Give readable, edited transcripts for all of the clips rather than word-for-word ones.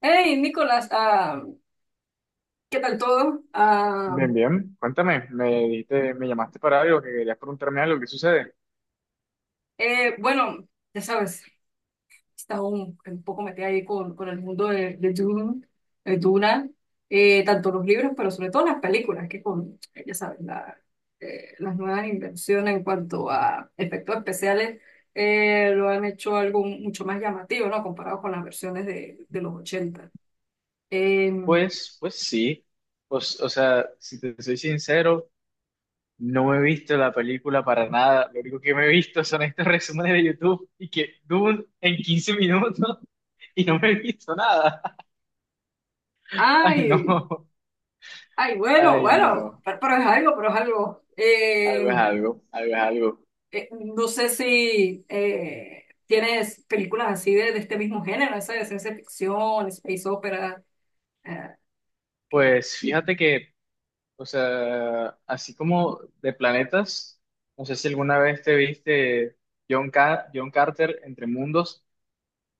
Hey, Nicolás, ¿qué tal todo? Bien, bien. Cuéntame, me dijiste, me llamaste para algo, que querías preguntarme algo, ¿qué sucede? Bueno, ya sabes, está un poco metida ahí con el mundo de Dune, Duna, tanto los libros, pero sobre todo las películas, que con, ya sabes, las nuevas invenciones en cuanto a efectos especiales lo han hecho algo mucho más llamativo, ¿no? Comparado con las versiones de los ochenta. Eh, Pues sí. Pues, o sea, si te soy sincero, no he visto la película para nada. Lo único que me he visto son estos resúmenes de YouTube y que Dune en 15 minutos y no me he visto nada. Ay, Ay, no. ay, bueno, Ay, bueno, no. pero es algo, pero es algo. Algo es algo, algo es algo. eh, no sé si tienes películas así de este mismo género, esa de ciencia ficción, space opera, eh, que Pues fíjate que o sea, así como de planetas, no sé si alguna vez te viste John, John Carter entre mundos.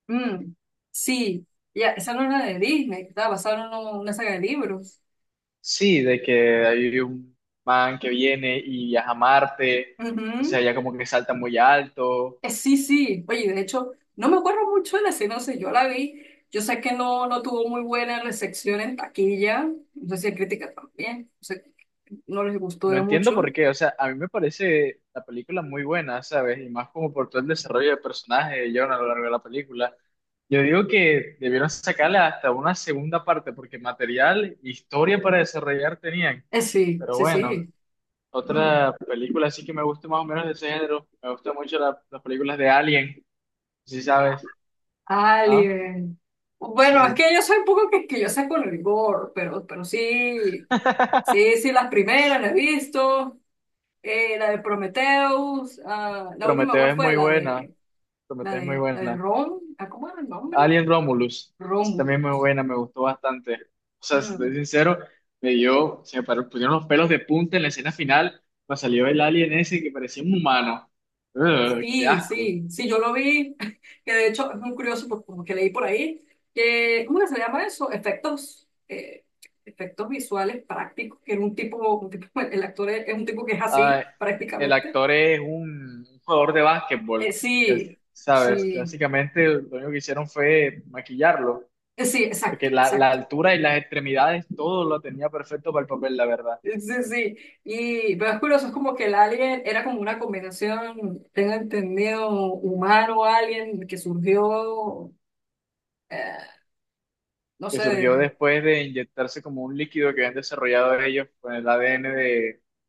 mm, sí, ya, esa no es la de Disney, que estaba basada en una saga de libros. Sí, de que hay un man que viene y viaja a Marte, Ujú. o sea, ya como que salta muy alto. Sí, sí, oye, de hecho, no me acuerdo mucho de la sinopsis, yo la vi, yo sé que no tuvo muy buena recepción en taquilla, no sé si en crítica también, no sé, no les gustó No de entiendo mucho. por qué, o sea, a mí me parece la película muy buena, ¿sabes? Y más como por todo el desarrollo de personaje de John a lo largo de la película. Yo digo que debieron sacarla hasta una segunda parte, porque material, historia para desarrollar tenían. Sí, Pero sí, bueno. sí. Mm. Otra película así que me gusta más o menos de ese género. Me gustan mucho las películas de Alien, si sabes. ¿Ah? Alien. Sí, Bueno, es sí. que yo soy un poco quisquillosa con el gore, pero sí, sí, sí, las primeras las he visto. La de Prometheus, la última Prometeo cuál es fue muy buena. Prometeo es muy la de buena. Rom, ¿cómo era el nombre? Alien Romulus, sí, también muy Romulus. buena, me gustó bastante. O sea, si estoy Mm. sincero, me dio, se me paró- pusieron los pelos de punta en la escena final, cuando salió el alien ese que parecía un humano. Ugh, qué Sí, asco. sí, sí, yo lo vi, que de hecho es muy curioso porque leí por ahí, que, ¿cómo que se llama eso? Efectos, efectos visuales prácticos, que era un tipo, el actor es un tipo que es Ah, así el prácticamente. actor es un jugador de básquetbol, que Sí, ¿sabes? Que sí, básicamente lo único que hicieron fue maquillarlo, sí, porque exacto, la exacto. altura y las extremidades, todo lo tenía perfecto para el papel, la verdad, Sí, sí, y pero es curioso, es como que el alien era como una combinación, tengo entendido, humano-alien que surgió, eh, no que sé, de, surgió de- después de inyectarse como un líquido que habían desarrollado ellos con el ADN de,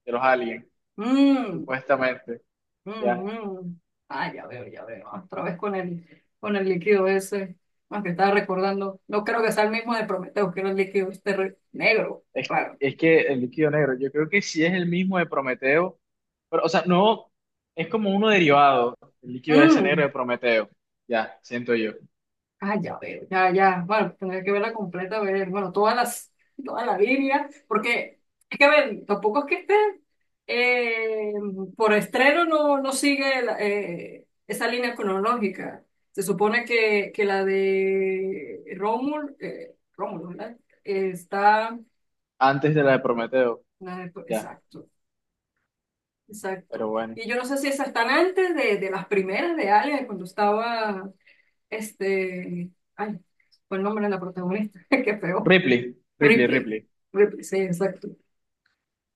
de los aliens, Mm. supuestamente, Mm, ¿ya? mm. Ah, ya veo, ya veo. Otra vez con el líquido ese. Más que estaba recordando. No creo que sea el mismo de Prometeo, que era el líquido este negro. Es, Claro. es que el líquido negro, yo creo que sí es el mismo de Prometeo, pero, o sea, no, es como uno derivado, el líquido ese negro Mm. de Prometeo, ya, siento yo, Ah, ya veo, ya, ya. Bueno, tendría que verla completa, ver, bueno, toda la Biblia, porque es que, a ver, tampoco es que esté. Eh, por estreno no sigue esa línea cronológica. Se supone que la de Rómulo, ¿verdad? Está. antes de la de Prometeo, ya, Exacto, pero exacto. bueno. Y yo no sé si esas están antes de las primeras de Alien, cuando estaba, ay, fue el nombre de la protagonista, qué feo. Ripley, Ripley, Ripley, Ripley. Ripley, sí, exacto.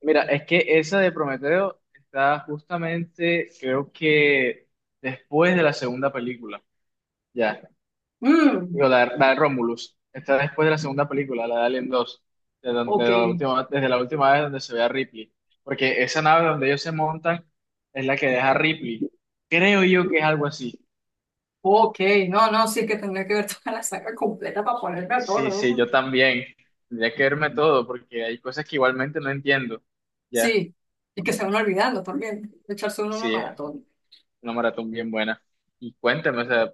Mira, es que esa de Prometeo está justamente, creo que después de la segunda película, ya. Mm, Digo, la de Romulus. Está después de la segunda película, la de Alien 2. De ok, de la última, desde la última vez donde se ve a Ripley. Porque esa nave donde ellos se montan es la que deja a Ripley. Creo yo que es algo así. Ok, no, no, sí que tendría que ver toda la saga completa para ponerme a tono, Sí, sí, ¿no? yo también. Tendría que verme todo porque hay cosas que igualmente no entiendo. Ya, Sí, y que se van olvidando también, echarse uno una sí, es maratón. una maratón bien buena. Y cuéntame, o sea,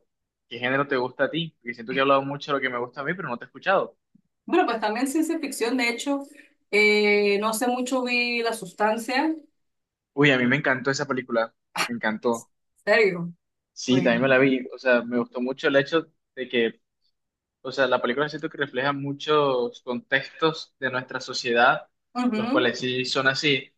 ¿qué género te gusta a ti? Porque siento que he hablado mucho de lo que me gusta a mí, pero no te he escuchado. Bueno, pues también ciencia ficción, de hecho, no hace mucho vi La Sustancia, Uy, a mí me encantó esa película. Me encantó. serio, Sí, también uy, me la vi. O sea, me gustó mucho el hecho de que, o sea, la película siento que refleja muchos contextos de nuestra sociedad, los ujú, cuales sí son así.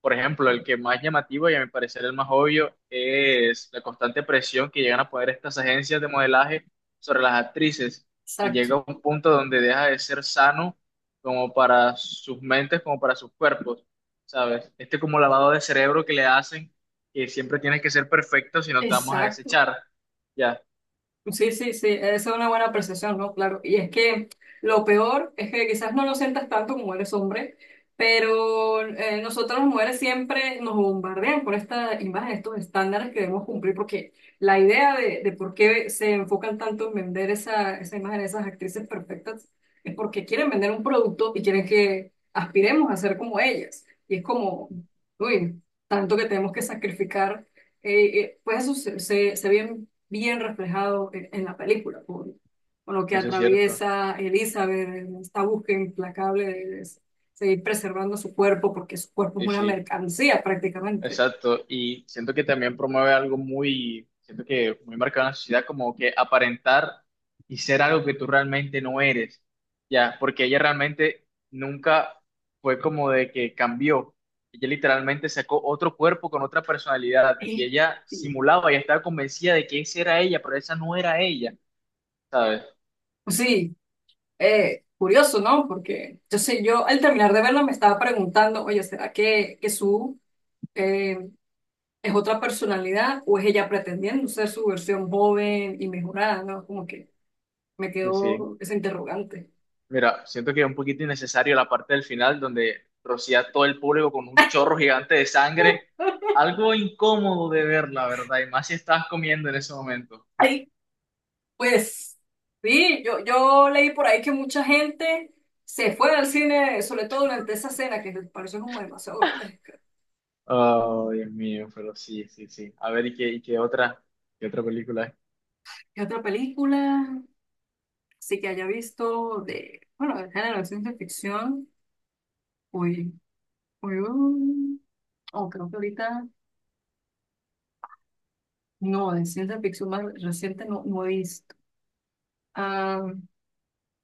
Por ejemplo, el que más llamativo y a mi parecer el más obvio es la constante presión que llegan a poner estas agencias de modelaje sobre las actrices, y exacto, llega a un punto donde deja de ser sano como para sus mentes, como para sus cuerpos, ¿sabes? Este como lavado de cerebro que le hacen, que siempre tienes que ser perfecto si no te vamos a exacto. desechar. Ya, Sí, sí, sí, esa es una buena percepción, ¿no? Claro. Y es que lo peor es que quizás no lo sientas tanto como eres hombre, pero nosotros las mujeres siempre nos bombardean por esta imagen, estos estándares que debemos cumplir, porque la idea de por qué se enfocan tanto en vender esa imagen de esas actrices perfectas es porque quieren vender un producto y quieren que aspiremos a ser como ellas. Y es como, uy, tanto que tenemos que sacrificar. Pues eso se ve bien bien reflejado en la película, con lo que eso es cierto. atraviesa Elizabeth, en esta búsqueda implacable de seguir preservando su cuerpo, porque su cuerpo es Y una sí. mercancía prácticamente. Exacto, y siento que también promueve algo muy, siento que muy marcado en la sociedad, como que aparentar y ser algo que tú realmente no eres, ya, porque ella realmente nunca fue como de que cambió, ella literalmente sacó otro cuerpo con otra personalidad y Sí. ella simulaba, y estaba convencida de que esa era ella, pero esa no era ella, ¿sabes? Sí, curioso, ¿no? Porque yo sé, yo al terminar de verla me estaba preguntando, oye, ¿será que Sue eh, es otra personalidad o es ella pretendiendo ser su versión joven y mejorada, ¿no? Como que me Sí, sí. quedó ese interrogante. Mira, siento que es un poquito innecesario la parte del final donde rocía a todo el público con un chorro gigante de sangre. Algo incómodo de ver, la verdad, y más si estabas comiendo en ese momento. Pues sí, yo leí por ahí que mucha gente se fue al cine, sobre todo durante esa escena, que me pareció como demasiado grotesca. Oh, Dios mío, pero sí, sí, sí. A ver, ¿qué otra película es? ¿Qué otra película? Sí que haya visto de, bueno, del género de ciencia ficción. Uy, uy, uy. Oh, creo que ahorita, no, de ciencia ficción más reciente no he visto. Ah,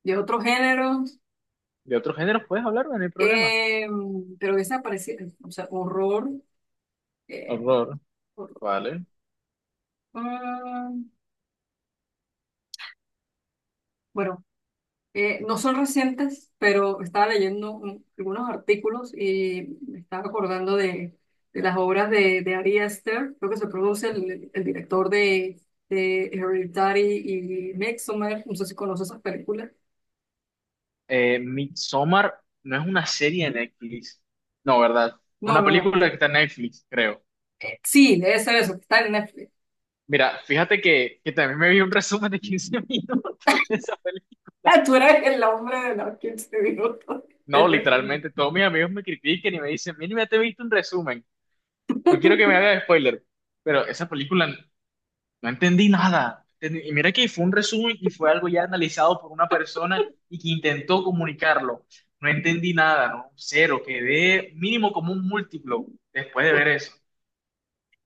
de otro género, ¿De otro género puedes hablarme? No hay problema. eh, pero esa parecía, o sea, horror. eh, Horror. Horror. Vale. Ah, bueno. No son recientes, pero estaba leyendo algunos artículos y me estaba acordando de las obras de Ari Aster, creo que se produce el director de Hereditary y Midsommar, no sé si conoces esas películas. Midsommar no es una serie de Netflix. No, ¿verdad? Es No, una no, película que está en Netflix, creo. Sí, debe ser eso, que está en Netflix. Mira, fíjate que también me vi un resumen de 15 minutos de esa película. Ah, tú eres el hombre de los 15 minutos, te No, resumo. literalmente, todos mis amigos me critiquen y me dicen, mira, ya te he visto un resumen, no quiero que me hagas spoiler, pero esa película no entendí nada. Y mira que fue un resumen y fue algo ya analizado por una persona y que intentó comunicarlo. No entendí nada, ¿no? Cero, quedé mínimo como un múltiplo después de ver eso.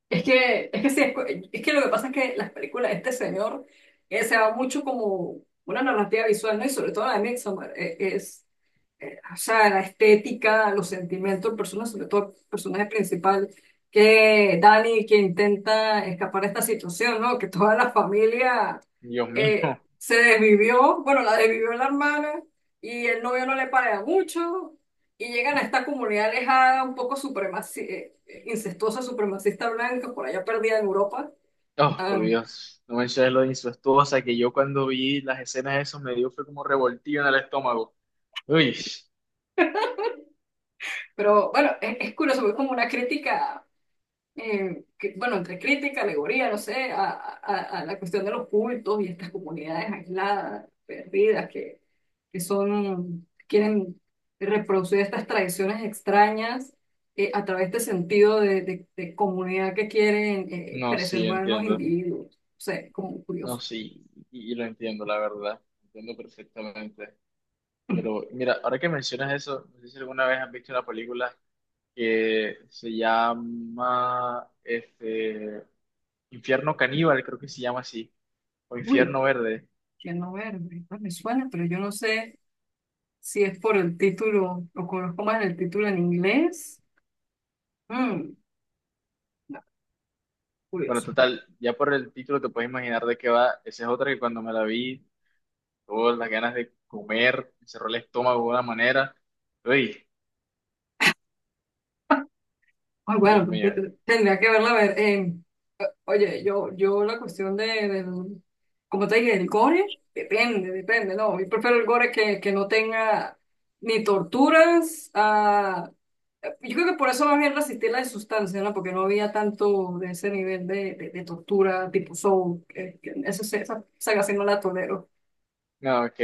Es que sí, es que lo que pasa es que las películas de este señor se va mucho como una narrativa visual, ¿no? Y sobre todo la de Midsommar, o sea, la estética, los sentimientos, personas, sobre todo el personaje principal, que Dani, que intenta escapar de esta situación, ¿no? Que toda la familia Dios mío. Se desvivió, bueno, la desvivió la hermana y el novio no le paga mucho, y llegan a esta comunidad alejada, un poco supremaci incestuosa, supremacista blanca, por allá perdida en Europa. Oh, por Ah, Dios, no menciones lo de incestuosa, que yo cuando vi las escenas de eso me dio fue como revoltillo en el estómago. Uy, pero bueno, es curioso, es como una crítica, bueno, entre crítica, alegoría, no sé, a la cuestión de los cultos y estas comunidades aisladas, perdidas, que son, quieren reproducir estas tradiciones extrañas. A través de este sentido de comunidad que quieren no, sí, preservar los entiendo. individuos. O sea, es como No, curioso. sí, y lo entiendo, la verdad. Entiendo perfectamente. Pero mira, ahora que mencionas eso, no sé si alguna vez has visto una película que se llama este, Infierno Caníbal, creo que se llama así, o Uy, Infierno Verde. no Verde, pues me suena, pero yo no sé si es por el título, o conozco más el título en inglés. Mm, no, Bueno, curioso. total, ya por el título te puedes imaginar de qué va. Esa es otra que cuando me la vi todas las ganas de comer, me cerró el estómago de una manera. Uy, Ay, Dios bueno, pues, mío. Tendría que verla a ver. Oye, yo la cuestión del, como te dije, el gore, depende, depende, no, yo prefiero el gore que no tenga ni torturas. Yo creo que por eso más bien resistí la de sustancia, ¿no? Porque no había tanto de ese nivel de tortura tipo Soul. Esa saga sí no la tolero. No, ok,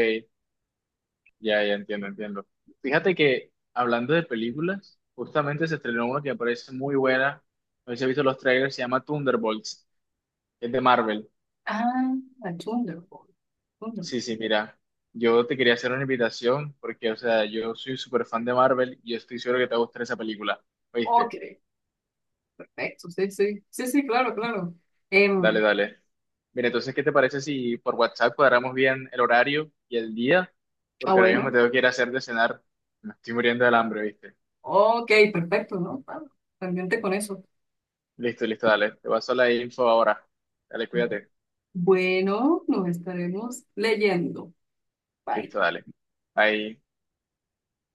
ya, ya entiendo, entiendo. Fíjate que hablando de películas, justamente se estrenó una que me parece muy buena. No sé si has visto los trailers, se llama Thunderbolts, es de Marvel. Ah, Thunderbolt. Sí, Thunderbolt. sí, mira, yo te quería hacer una invitación porque, o sea, yo soy súper fan de Marvel y yo estoy seguro que te va a gustar esa película. Ok, ¿Oíste? perfecto. Sí, sí. Sí, sí, claro, claro. Dale, Em, dale. Mira, entonces, ¿qué te parece si por WhatsApp cuadramos bien el horario y el día? Porque ahora mismo bueno. me tengo que ir a hacer de cenar. Me estoy muriendo del hambre, ¿viste? Ok, perfecto, ¿no? Pendiente con eso. Listo, listo, dale. Te paso la info ahora. Dale, cuídate. Bueno, nos estaremos leyendo. Bye. Listo, dale. Ahí.